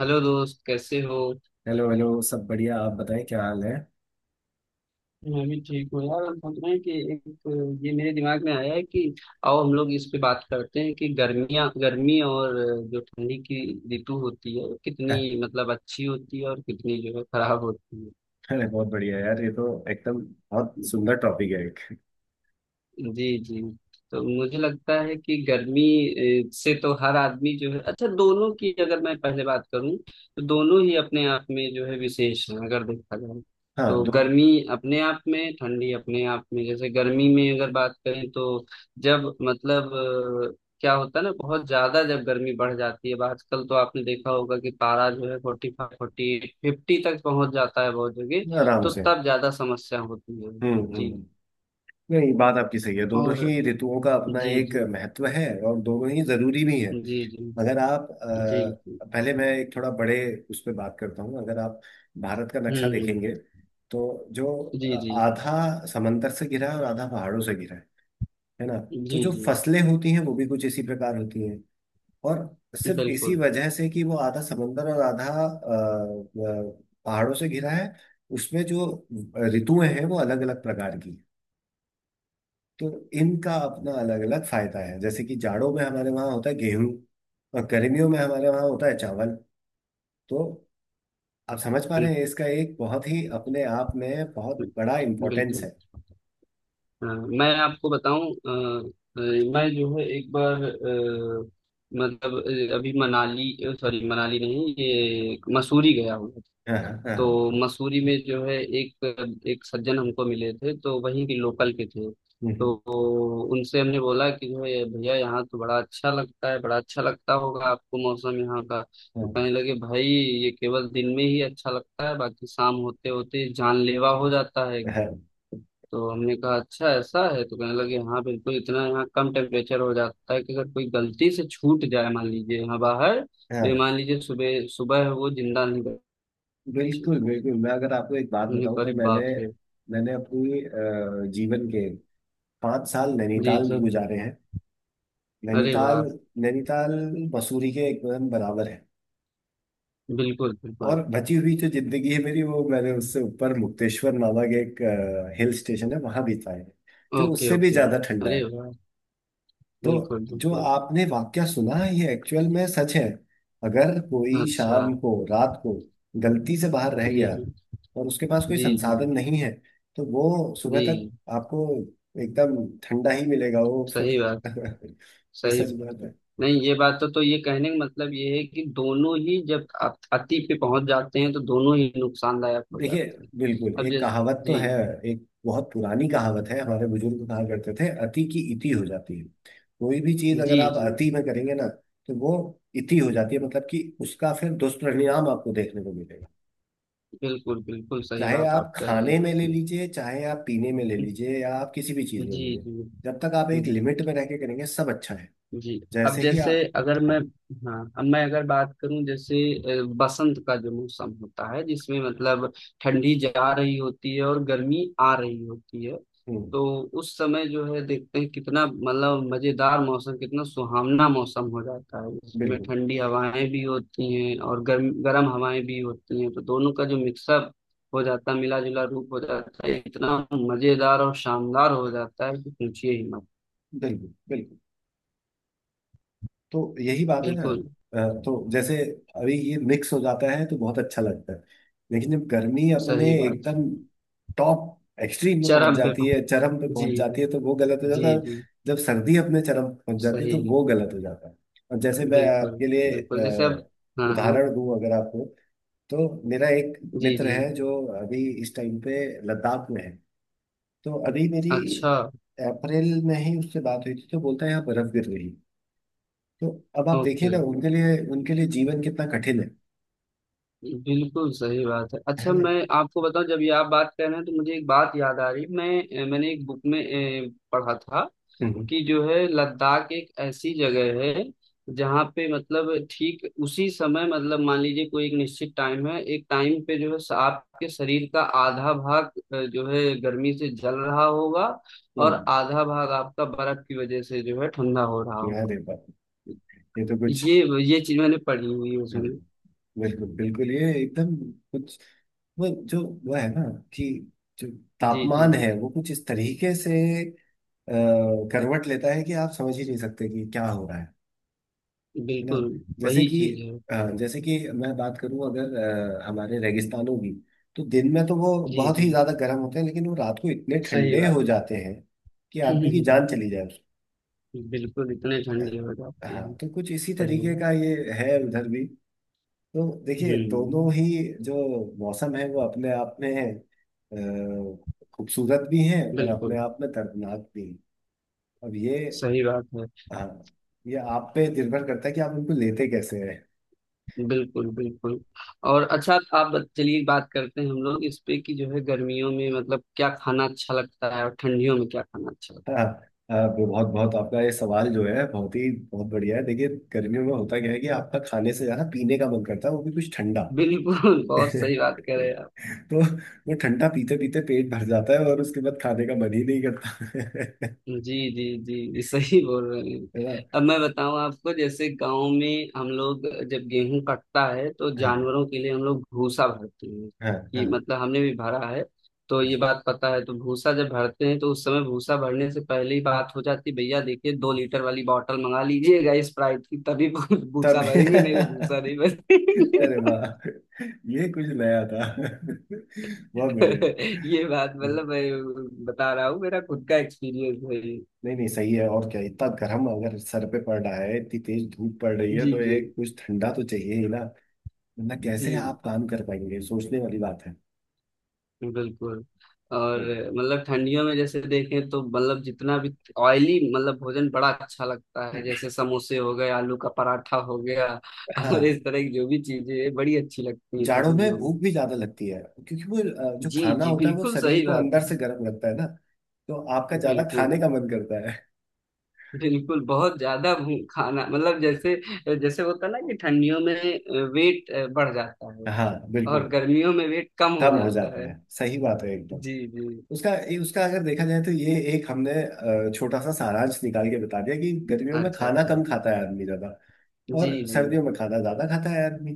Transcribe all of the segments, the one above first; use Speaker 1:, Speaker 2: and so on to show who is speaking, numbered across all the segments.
Speaker 1: Hello दोस्त कैसे हो।
Speaker 2: हेलो हेलो, सब बढ़िया। आप बताएं, क्या हाल है?
Speaker 1: मैं भी ठीक हूँ यार। हम सोच रहे हैं कि एक ये मेरे दिमाग में आया है कि आओ हम लोग इस पे बात करते हैं कि गर्मियाँ गर्मी और जो ठंडी की ऋतु होती है वो कितनी मतलब अच्छी होती है और कितनी जो है खराब होती
Speaker 2: अरे बहुत बढ़िया यार, ये तो एकदम बहुत
Speaker 1: है।
Speaker 2: सुंदर टॉपिक है। एक
Speaker 1: जी जी। तो मुझे लगता है कि गर्मी से तो हर आदमी जो है अच्छा दोनों की अगर मैं पहले बात करूं तो दोनों ही अपने आप में जो है विशेष हैं अगर देखा जाए
Speaker 2: हाँ
Speaker 1: तो
Speaker 2: दो
Speaker 1: गर्मी अपने आप में ठंडी अपने आप में। जैसे गर्मी में अगर बात करें तो जब मतलब क्या होता है ना बहुत ज्यादा जब गर्मी बढ़ जाती है। अब आजकल तो आपने देखा होगा कि पारा जो है 45 40-50 तक पहुंच जाता है बहुत जगह।
Speaker 2: आराम
Speaker 1: तो
Speaker 2: से।
Speaker 1: तब ज्यादा समस्या होती है।
Speaker 2: हम्म हम्म
Speaker 1: जी।
Speaker 2: हम्म। नहीं, बात आपकी सही है। दोनों
Speaker 1: और
Speaker 2: ही ऋतुओं का अपना
Speaker 1: जी
Speaker 2: एक
Speaker 1: जी
Speaker 2: महत्व है और दोनों ही जरूरी भी है।
Speaker 1: जी जी
Speaker 2: मगर आप,
Speaker 1: जी जी।
Speaker 2: पहले मैं एक थोड़ा बड़े उस पर बात करता हूँ। अगर आप भारत का नक्शा
Speaker 1: हम्म।
Speaker 2: देखेंगे तो जो
Speaker 1: जी
Speaker 2: अ,
Speaker 1: जी
Speaker 2: आधा समंदर से घिरा है और आधा पहाड़ों से घिरा है ना? तो
Speaker 1: जी
Speaker 2: जो
Speaker 1: जी।
Speaker 2: फसलें होती हैं वो भी कुछ इसी प्रकार होती हैं। और सिर्फ इसी
Speaker 1: बिल्कुल।
Speaker 2: वजह से कि वो आधा समंदर और आधा अ, पहाड़ों से घिरा है, उसमें जो ऋतुएं हैं वो अलग अलग प्रकार की हैं। तो इनका अपना अलग अलग फायदा है। जैसे कि जाड़ों में हमारे वहाँ होता है गेहूं और गर्मियों में हमारे वहाँ होता है चावल। तो आप समझ पा रहे हैं, इसका एक बहुत ही अपने आप में बहुत बड़ा
Speaker 1: बिल्कुल।
Speaker 2: इम्पोर्टेंस
Speaker 1: बिल्कुल।
Speaker 2: है।
Speaker 1: अ, मैं आपको बताऊं अ, मैं जो है एक बार मतलब अभी मनाली सॉरी मनाली नहीं ये मसूरी गया हूँ।
Speaker 2: हाँ हाँ हाँ।
Speaker 1: तो मसूरी में जो है एक एक सज्जन हमको मिले थे तो वहीं के लोकल के थे। तो
Speaker 2: हम्म,
Speaker 1: उनसे हमने बोला कि जो है भैया यहाँ तो बड़ा अच्छा लगता है बड़ा अच्छा लगता होगा आपको मौसम यहाँ का। तो
Speaker 2: हम्म,
Speaker 1: कहने लगे भाई ये केवल दिन में ही अच्छा लगता है बाकी शाम होते होते जानलेवा हो जाता है
Speaker 2: हाँ
Speaker 1: एकदम।
Speaker 2: हाँ।
Speaker 1: तो हमने कहा अच्छा ऐसा है। तो कहने लगे हाँ बिल्कुल इतना यहाँ कम टेम्परेचर हो जाता है कि अगर कोई गलती से छूट जाए मान लीजिए यहाँ बाहर तो
Speaker 2: हाँ,
Speaker 1: ये मान लीजिए सुबह सुबह वो जिंदा नहीं बचे।
Speaker 2: बिल्कुल बिल्कुल। मैं अगर आपको एक बात बताऊं तो
Speaker 1: अरे
Speaker 2: मैंने
Speaker 1: बाप रे।
Speaker 2: मैंने अपनी जीवन के 5 साल
Speaker 1: जी
Speaker 2: नैनीताल में
Speaker 1: जी।
Speaker 2: गुजारे हैं।
Speaker 1: अरे
Speaker 2: नैनीताल,
Speaker 1: वाह।
Speaker 2: नैनीताल मसूरी के एकदम बराबर है।
Speaker 1: बिल्कुल बिल्कुल।
Speaker 2: और बची हुई जो जिंदगी है मेरी, वो मैंने उससे ऊपर मुक्तेश्वर नामक एक हिल स्टेशन है वहां बिताई है, जो
Speaker 1: ओके
Speaker 2: उससे भी
Speaker 1: ओके।
Speaker 2: ज्यादा ठंडा
Speaker 1: अरे
Speaker 2: है।
Speaker 1: वाह।
Speaker 2: तो
Speaker 1: बिल्कुल
Speaker 2: जो
Speaker 1: बिल्कुल।
Speaker 2: आपने वाक्या सुना है ये एक्चुअल में सच है। अगर कोई
Speaker 1: अच्छा।
Speaker 2: शाम को रात को गलती से बाहर रह
Speaker 1: जी
Speaker 2: गया
Speaker 1: जी
Speaker 2: और उसके पास कोई
Speaker 1: जी जी
Speaker 2: संसाधन नहीं है, तो वो सुबह तक
Speaker 1: जी।
Speaker 2: आपको एकदम ठंडा ही मिलेगा वो फिर।
Speaker 1: सही बात।
Speaker 2: ये
Speaker 1: सही
Speaker 2: सच
Speaker 1: बात
Speaker 2: बात
Speaker 1: है।
Speaker 2: है।
Speaker 1: नहीं ये बात तो ये कहने का मतलब ये है कि दोनों ही जब आप अति पे पहुंच जाते हैं तो दोनों ही नुकसानदायक हो
Speaker 2: देखिए
Speaker 1: जाते हैं।
Speaker 2: बिल्कुल,
Speaker 1: अब
Speaker 2: एक
Speaker 1: जैसे
Speaker 2: कहावत तो
Speaker 1: जी
Speaker 2: है। एक बहुत पुरानी कहावत है, हमारे बुजुर्ग कहा करते थे, अति की इति हो जाती है। कोई भी चीज
Speaker 1: जी
Speaker 2: अगर आप
Speaker 1: जी
Speaker 2: अति
Speaker 1: जी
Speaker 2: में करेंगे ना, तो वो इति हो जाती है। मतलब कि उसका फिर दुष्परिणाम आपको देखने को मिलेगा।
Speaker 1: बिल्कुल बिल्कुल सही
Speaker 2: चाहे
Speaker 1: बात आप
Speaker 2: आप
Speaker 1: कह रहे
Speaker 2: खाने में ले
Speaker 1: हैं।
Speaker 2: लीजिए, चाहे आप पीने में ले लीजिए, या आप किसी भी चीज में
Speaker 1: जी
Speaker 2: ले लीजिए,
Speaker 1: जी
Speaker 2: जब तक आप एक
Speaker 1: जी
Speaker 2: लिमिट में रह के करेंगे सब अच्छा है।
Speaker 1: जी। अब
Speaker 2: जैसे ही
Speaker 1: जैसे
Speaker 2: आप,
Speaker 1: अगर मैं
Speaker 2: हाँ।
Speaker 1: हाँ अब मैं अगर बात करूं जैसे बसंत का जो मौसम होता है जिसमें मतलब ठंडी जा रही होती है और गर्मी आ रही होती है।
Speaker 2: हम्म।
Speaker 1: तो उस समय जो है देखते हैं कितना मतलब मजेदार मौसम कितना सुहावना मौसम हो जाता है जिसमें
Speaker 2: बिल्कुल
Speaker 1: ठंडी हवाएं भी होती हैं और गर्म गर्म हवाएं भी होती हैं। तो दोनों का जो मिक्सअप हो जाता है मिला जुला रूप हो जाता है इतना मजेदार और शानदार हो जाता है कि पूछिए ही मत।
Speaker 2: बिल्कुल बिल्कुल। तो यही बात है ना।
Speaker 1: बिल्कुल
Speaker 2: तो जैसे अभी ये मिक्स हो जाता है तो बहुत अच्छा लगता है। लेकिन जब गर्मी अपने
Speaker 1: सही बात।
Speaker 2: एकदम टॉप एक्सट्रीम में पहुंच
Speaker 1: चरम पे
Speaker 2: जाती है,
Speaker 1: पहुं-
Speaker 2: चरम पे
Speaker 1: जी
Speaker 2: पहुंच जाती
Speaker 1: जी
Speaker 2: है, तो वो गलत हो जाता
Speaker 1: जी
Speaker 2: है।
Speaker 1: जी,
Speaker 2: जब सर्दी अपने चरम पे पहुंच जाती है
Speaker 1: सही
Speaker 2: तो
Speaker 1: है।
Speaker 2: वो गलत हो जाता है। और जैसे मैं
Speaker 1: बिल्कुल
Speaker 2: आपके लिए
Speaker 1: बिल्कुल। जैसे अब हाँ हाँ
Speaker 2: उदाहरण दूं अगर आपको, तो मेरा एक
Speaker 1: जी
Speaker 2: मित्र
Speaker 1: जी
Speaker 2: है जो अभी इस टाइम पे लद्दाख में है। तो अभी मेरी
Speaker 1: अच्छा
Speaker 2: अप्रैल में ही उससे बात हुई थी, तो बोलता है यहाँ बर्फ गिर रही है। तो अब आप देखिए
Speaker 1: ओके
Speaker 2: ना, उनके लिए जीवन कितना कठिन है
Speaker 1: बिल्कुल सही बात है।
Speaker 2: है
Speaker 1: अच्छा
Speaker 2: ना?
Speaker 1: मैं आपको बताऊं जब ये आप बात कर रहे हैं तो मुझे एक बात याद आ रही मैंने एक बुक में पढ़ा था
Speaker 2: हम्म
Speaker 1: कि जो है लद्दाख एक ऐसी जगह है जहाँ पे मतलब ठीक उसी समय मतलब मान लीजिए कोई एक निश्चित टाइम है एक टाइम पे जो है आपके शरीर का आधा भाग जो है गर्मी से जल रहा होगा और
Speaker 2: हम्म।
Speaker 1: आधा भाग आपका बर्फ की वजह से जो है ठंडा हो रहा
Speaker 2: यार
Speaker 1: होगा।
Speaker 2: ये बात, ये तो कुछ।
Speaker 1: ये ये चीज मैंने पढ़ी हुई है
Speaker 2: हाँ,
Speaker 1: उसमें।
Speaker 2: बिल्कुल बिल्कुल। ये एकदम कुछ वो जो वो है ना, कि जो
Speaker 1: जी जी
Speaker 2: तापमान है वो कुछ इस तरीके से अ, करवट लेता है कि आप समझ ही नहीं सकते कि क्या हो रहा है ना?
Speaker 1: बिल्कुल
Speaker 2: जैसे
Speaker 1: वही
Speaker 2: कि
Speaker 1: चीज है।
Speaker 2: जैसे कि मैं बात करूं अगर हमारे रेगिस्तानों की, तो दिन में तो वो
Speaker 1: जी
Speaker 2: बहुत ही
Speaker 1: जी
Speaker 2: ज्यादा गर्म होते हैं, लेकिन वो रात को इतने
Speaker 1: सही
Speaker 2: ठंडे
Speaker 1: बात
Speaker 2: हो जाते हैं कि आदमी की
Speaker 1: है।
Speaker 2: जान चली जाए।
Speaker 1: बिल्कुल इतने ठंडे हो जाते
Speaker 2: हाँ,
Speaker 1: हैं
Speaker 2: तो कुछ इसी
Speaker 1: सही है।
Speaker 2: तरीके का ये है उधर भी। तो देखिए
Speaker 1: हम्म
Speaker 2: दोनों ही जो मौसम है वो अपने आप में अ, खूबसूरत भी हैं और अपने
Speaker 1: बिल्कुल
Speaker 2: आप में दर्दनाक भी हैं। अब ये,
Speaker 1: सही बात है।
Speaker 2: हाँ, ये आप पे निर्भर करता है कि आप उनको लेते कैसे हैं।
Speaker 1: बिल्कुल बिल्कुल। और अच्छा चलिए बात करते हैं हम लोग इस पे कि जो है गर्मियों में मतलब क्या खाना अच्छा लगता है और ठंडियों में क्या खाना अच्छा लगता
Speaker 2: हाँ, हाँ, बहुत बहुत आपका ये सवाल जो है बहुत ही बहुत बढ़िया है। देखिए गर्मियों में होता क्या है कि आपका खाने से ज्यादा पीने का मन करता है, वो भी कुछ ठंडा।
Speaker 1: है। बिल्कुल बहुत सही बात करें।
Speaker 2: तो वो ठंडा पीते पीते पेट भर जाता है और उसके बाद खाने का मन ही नहीं करता।
Speaker 1: जी जी जी सही बोल रहे हैं। अब मैं बताऊं आपको जैसे गांव में हम लोग जब गेहूं कटता है तो
Speaker 2: है ना। हाँ
Speaker 1: जानवरों के लिए हम लोग भूसा भरते हैं
Speaker 2: हाँ हाँ।
Speaker 1: कि मतलब हमने भी भरा है। तो ये बात पता है तो भूसा जब भरते हैं तो उस समय भूसा भरने से पहले ही बात हो जाती भैया देखिए 2 लीटर वाली बॉटल मंगा लीजिएगा स्प्राइट की तभी
Speaker 2: तब
Speaker 1: भूसा भरेंगे नहीं तो भूसा नहीं भरेंगे।
Speaker 2: अरे वाह, ये कुछ नया था। बहुत बढ़िया।
Speaker 1: ये बात मतलब मैं बता रहा हूँ मेरा खुद का एक्सपीरियंस है ये।
Speaker 2: नहीं नहीं, सही है। और क्या, इतना गर्म अगर सर पे पड़ रहा है, इतनी तेज धूप पड़ रही है,
Speaker 1: जी
Speaker 2: तो
Speaker 1: जी
Speaker 2: एक कुछ ठंडा तो चाहिए ही ना। वरना
Speaker 1: जी।
Speaker 2: कैसे आप काम कर पाएंगे, सोचने वाली बात है।
Speaker 1: बिल्कुल। और मतलब ठंडियों में जैसे देखें तो मतलब जितना भी ऑयली मतलब भोजन बड़ा अच्छा लगता है जैसे समोसे हो गए आलू का पराठा हो गया और
Speaker 2: हाँ,
Speaker 1: इस तरह की जो भी चीजें हैं, बड़ी अच्छी लगती है
Speaker 2: जाड़ों में
Speaker 1: ठंडियों में।
Speaker 2: भूख भी ज्यादा लगती है। क्योंकि वो जो
Speaker 1: जी
Speaker 2: खाना
Speaker 1: जी
Speaker 2: होता है वो
Speaker 1: बिल्कुल
Speaker 2: शरीर
Speaker 1: सही
Speaker 2: को
Speaker 1: बात
Speaker 2: अंदर
Speaker 1: है।
Speaker 2: से गर्म रखता है ना, तो आपका ज्यादा
Speaker 1: बिल्कुल
Speaker 2: खाने का मन करता है।
Speaker 1: बिल्कुल खाना मतलब जैसे जैसे होता है ना कि ठंडियों में वेट बढ़ जाता है
Speaker 2: हाँ
Speaker 1: और
Speaker 2: बिल्कुल।
Speaker 1: गर्मियों में वेट कम हो
Speaker 2: कम हो
Speaker 1: जाता
Speaker 2: जाता
Speaker 1: है।
Speaker 2: है, सही बात है एकदम।
Speaker 1: जी जी।
Speaker 2: उसका अगर देखा जाए तो ये एक हमने छोटा सा सारांश निकाल के बता दिया कि गर्मियों में
Speaker 1: अच्छा
Speaker 2: खाना
Speaker 1: अच्छा।
Speaker 2: कम खाता है आदमी, ज्यादा
Speaker 1: जी
Speaker 2: और
Speaker 1: जी।
Speaker 2: सर्दियों में खाना ज्यादा खाता है आदमी।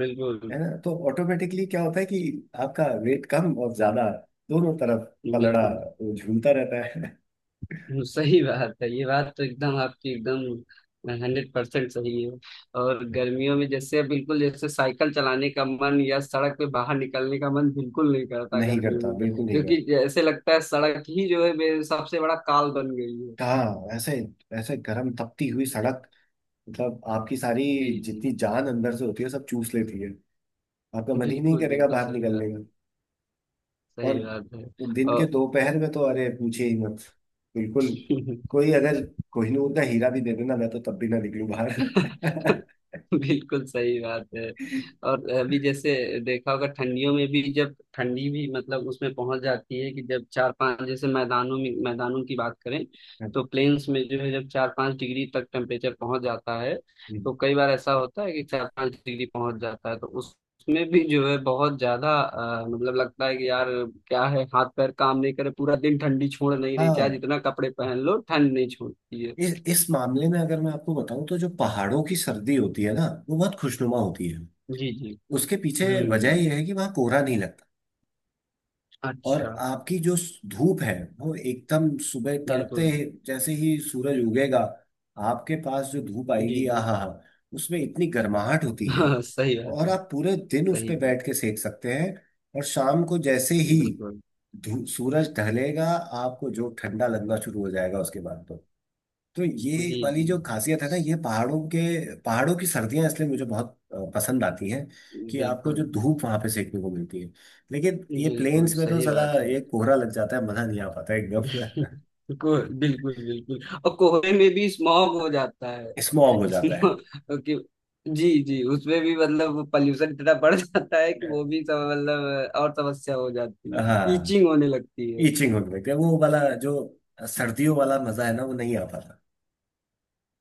Speaker 1: बिल्कुल
Speaker 2: है ना? तो ऑटोमेटिकली क्या होता है कि आपका वेट कम और ज्यादा दोनों तरफ पलड़ा
Speaker 1: बिल्कुल।
Speaker 2: वो झूलता रहता है।
Speaker 1: सही बात है ये बात तो एकदम आपकी एकदम 100% सही है। और गर्मियों में जैसे बिल्कुल जैसे साइकिल चलाने का मन या सड़क पे बाहर निकलने का मन बिल्कुल नहीं करता
Speaker 2: नहीं
Speaker 1: गर्मियों
Speaker 2: करता,
Speaker 1: में
Speaker 2: बिल्कुल नहीं
Speaker 1: क्योंकि
Speaker 2: करता।
Speaker 1: जैसे लगता है सड़क ही जो है मेरे सबसे बड़ा काल बन गई है।
Speaker 2: कहाँ ऐसे ऐसे गर्म तपती हुई सड़क, मतलब आपकी सारी
Speaker 1: जी जी
Speaker 2: जितनी जान अंदर से होती है सब चूस लेती है। आपका मन ही नहीं
Speaker 1: बिल्कुल
Speaker 2: करेगा
Speaker 1: बिल्कुल
Speaker 2: बाहर
Speaker 1: सही बात।
Speaker 2: निकलने का। और
Speaker 1: सही बात है।
Speaker 2: दिन के
Speaker 1: और
Speaker 2: दोपहर में तो अरे पूछे ही मत। बिल्कुल, कोई अगर कोहिनूर का हीरा भी दे देना मैं, तो तब भी ना निकलूं बाहर।
Speaker 1: बिल्कुल सही बात है। और अभी जैसे देखा होगा ठंडियों में भी जब ठंडी भी मतलब उसमें पहुंच जाती है कि जब 4-5 जैसे मैदानों में मैदानों की बात करें तो प्लेन्स में जो है जब 4-5 डिग्री तक टेम्परेचर पहुंच जाता है। तो कई बार ऐसा होता है कि 4-5 डिग्री पहुंच जाता है तो उस उसमें भी जो है बहुत ज्यादा मतलब लगता है कि यार क्या है हाथ पैर काम नहीं करे पूरा दिन ठंडी छोड़ नहीं रही चाहे
Speaker 2: हाँ,
Speaker 1: जितना कपड़े पहन लो ठंड नहीं छोड़ती है।
Speaker 2: इस मामले में अगर मैं आपको बताऊं, तो जो पहाड़ों की सर्दी होती है ना, वो बहुत खुशनुमा होती है।
Speaker 1: जी जी।
Speaker 2: उसके पीछे वजह
Speaker 1: हम्म।
Speaker 2: यह है कि वहाँ कोहरा नहीं लगता। और
Speaker 1: अच्छा।
Speaker 2: आपकी जो धूप है वो एकदम सुबह तड़ते,
Speaker 1: बिल्कुल।
Speaker 2: जैसे ही सूरज उगेगा, आपके पास जो धूप
Speaker 1: जी
Speaker 2: आएगी
Speaker 1: जी।
Speaker 2: आहा हा, उसमें इतनी गर्माहट होती है,
Speaker 1: हाँ सही बात
Speaker 2: और
Speaker 1: है।
Speaker 2: आप पूरे दिन उस
Speaker 1: सही
Speaker 2: पे
Speaker 1: है।
Speaker 2: बैठ के सेक सकते हैं। और शाम को जैसे ही
Speaker 1: बिल्कुल।
Speaker 2: सूरज ढलेगा, आपको जो ठंडा लगना शुरू हो जाएगा उसके बाद तो। तो ये
Speaker 1: जी
Speaker 2: वाली
Speaker 1: जी।
Speaker 2: जो खासियत है ना, ये पहाड़ों की सर्दियां इसलिए मुझे बहुत पसंद आती हैं, कि आपको
Speaker 1: बिल्कुल
Speaker 2: जो धूप वहां पे सेकने को मिलती है। लेकिन ये
Speaker 1: बिल्कुल
Speaker 2: प्लेन्स में तो
Speaker 1: सही
Speaker 2: साला
Speaker 1: बात है।
Speaker 2: ये कोहरा लग जाता है, मजा नहीं आ पाता एकदम।
Speaker 1: बिल्कुल बिल्कुल। और कोहरे में भी स्मॉग हो जाता है
Speaker 2: स्मॉग हो जाता है।
Speaker 1: इसमें कि जी जी उसमें भी मतलब पॉल्यूशन इतना बढ़ जाता है कि वो भी सब मतलब और समस्या हो जाती है
Speaker 2: हाँ,
Speaker 1: ईचिंग होने लगती है।
Speaker 2: ईचिंग होने लगती है। वो वाला जो सर्दियों वाला मजा है ना, वो नहीं आ पाता।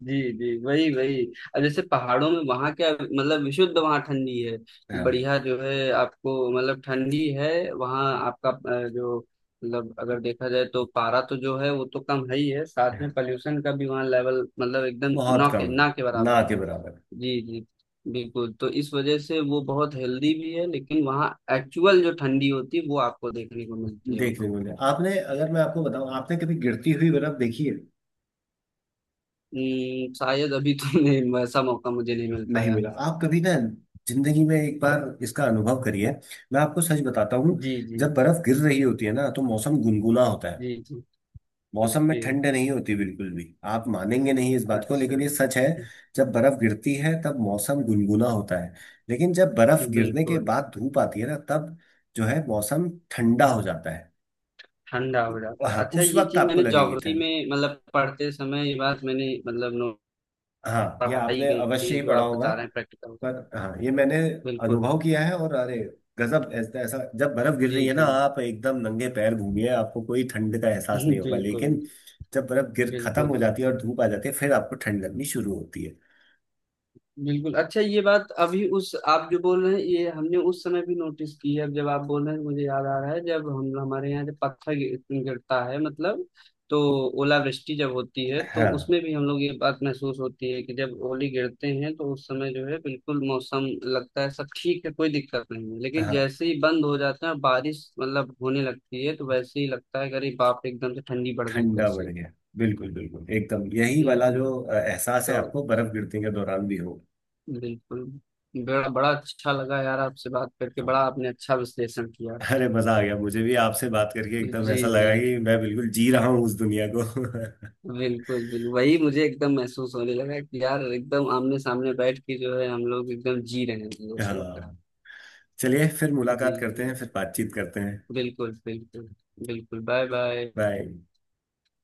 Speaker 1: जी जी वही वही। अब जैसे पहाड़ों में वहां क्या मतलब विशुद्ध वहां ठंडी है कि
Speaker 2: हाँ
Speaker 1: बढ़िया जो है आपको मतलब ठंडी है वहां आपका जो मतलब अगर देखा जाए तो पारा तो जो है वो तो कम है ही है साथ में
Speaker 2: हाँ।
Speaker 1: पॉल्यूशन का भी वहाँ लेवल मतलब एकदम
Speaker 2: बहुत
Speaker 1: ना के
Speaker 2: कम
Speaker 1: ना के
Speaker 2: है, ना
Speaker 1: बराबर
Speaker 2: के
Speaker 1: है।
Speaker 2: बराबर।
Speaker 1: जी जी बिल्कुल। तो इस वजह से वो बहुत हेल्दी भी है लेकिन वहाँ एक्चुअल जो ठंडी होती है वो आपको देखने को मिलती है
Speaker 2: देखने
Speaker 1: वहाँ।
Speaker 2: को मिले। आपने, अगर मैं आपको बताऊं, आपने कभी गिरती हुई बर्फ देखी है?
Speaker 1: शायद अभी तो नहीं वैसा मौका मुझे नहीं मिल
Speaker 2: नहीं
Speaker 1: पाया।
Speaker 2: मिला। आप कभी ना जिंदगी में एक बार इसका अनुभव करिए। मैं आपको सच बताता हूँ,
Speaker 1: जी जी
Speaker 2: जब बर्फ गिर रही होती है ना, तो मौसम गुनगुना होता है।
Speaker 1: जी जी।
Speaker 2: मौसम में
Speaker 1: ओके।
Speaker 2: ठंड नहीं होती बिल्कुल भी। आप मानेंगे नहीं इस बात को,
Speaker 1: अच्छा।
Speaker 2: लेकिन ये सच है। जब बर्फ गिरती है तब मौसम गुनगुना होता है। लेकिन जब बर्फ गिरने के
Speaker 1: बिल्कुल
Speaker 2: बाद धूप आती है ना, तब जो है मौसम ठंडा हो जाता है।
Speaker 1: ठंडा हो जाता है।
Speaker 2: हाँ,
Speaker 1: अच्छा
Speaker 2: उस
Speaker 1: ये
Speaker 2: वक्त
Speaker 1: चीज
Speaker 2: आपको
Speaker 1: मैंने
Speaker 2: लगेगी।
Speaker 1: ज्योग्राफी में मतलब पढ़ते समय ये बात मैंने मतलब नो
Speaker 2: हाँ, ये
Speaker 1: पढ़ाई
Speaker 2: आपने
Speaker 1: गई
Speaker 2: अवश्य
Speaker 1: है
Speaker 2: ही
Speaker 1: जो
Speaker 2: पढ़ा
Speaker 1: आप
Speaker 2: होगा।
Speaker 1: बता रहे हैं। प्रैक्टिकल
Speaker 2: पर हाँ, ये मैंने
Speaker 1: बिल्कुल
Speaker 2: अनुभव किया है। और अरे गजब, ऐसा ऐसा जब बर्फ गिर
Speaker 1: जी
Speaker 2: रही है ना,
Speaker 1: जी।
Speaker 2: आप एकदम नंगे पैर घूमिए, आपको कोई ठंड का एहसास नहीं होगा।
Speaker 1: बिल्कुल
Speaker 2: लेकिन जब बर्फ गिर खत्म
Speaker 1: बिल्कुल
Speaker 2: हो जाती है और
Speaker 1: बिल्कुल
Speaker 2: धूप आ जाती है, फिर आपको ठंड लगनी शुरू होती है।
Speaker 1: बिल्कुल। अच्छा ये बात अभी उस आप जो बोल रहे हैं ये हमने उस समय भी नोटिस की है अब जब आप बोल रहे हैं तो मुझे याद आ रहा है जब हम हमारे यहाँ जब पत्थर गिरता है मतलब तो ओलावृष्टि जब होती है तो
Speaker 2: हाँ
Speaker 1: उसमें भी हम लोग ये बात महसूस होती है कि जब ओले गिरते हैं तो उस समय जो है बिल्कुल मौसम लगता है सब ठीक है कोई दिक्कत नहीं है लेकिन
Speaker 2: हाँ,
Speaker 1: जैसे ही बंद हो जाता है और बारिश मतलब होने लगती है तो वैसे ही लगता है कि अरे बाप रे, एकदम से ठंडी बढ़ गई
Speaker 2: ठंडा बढ़
Speaker 1: कैसे।
Speaker 2: गया। बिल्कुल बिल्कुल, एकदम यही
Speaker 1: जी
Speaker 2: वाला
Speaker 1: जी।
Speaker 2: जो एहसास है
Speaker 1: तो
Speaker 2: आपको बर्फ गिरने के दौरान भी हो।
Speaker 1: बिल्कुल। बड़ा बड़ा अच्छा लगा यार आपसे बात करके बड़ा आपने अच्छा विश्लेषण किया।
Speaker 2: अरे मजा आ गया, मुझे भी आपसे बात करके एकदम
Speaker 1: जी
Speaker 2: ऐसा
Speaker 1: जी
Speaker 2: लगा कि मैं बिल्कुल जी रहा हूँ उस दुनिया को।
Speaker 1: बिल्कुल बिल्कुल। वही मुझे एकदम महसूस होने लगा कि यार एकदम आमने सामने बैठ के जो है हम लोग एकदम जी रहे हैं ऐसा लग
Speaker 2: हाँ,
Speaker 1: रहा
Speaker 2: चलिए फिर
Speaker 1: है। जी
Speaker 2: मुलाकात करते
Speaker 1: जी
Speaker 2: हैं, फिर बातचीत करते हैं।
Speaker 1: बिल्कुल बिल्कुल। बिल्कुल बाय बाय।
Speaker 2: बाय।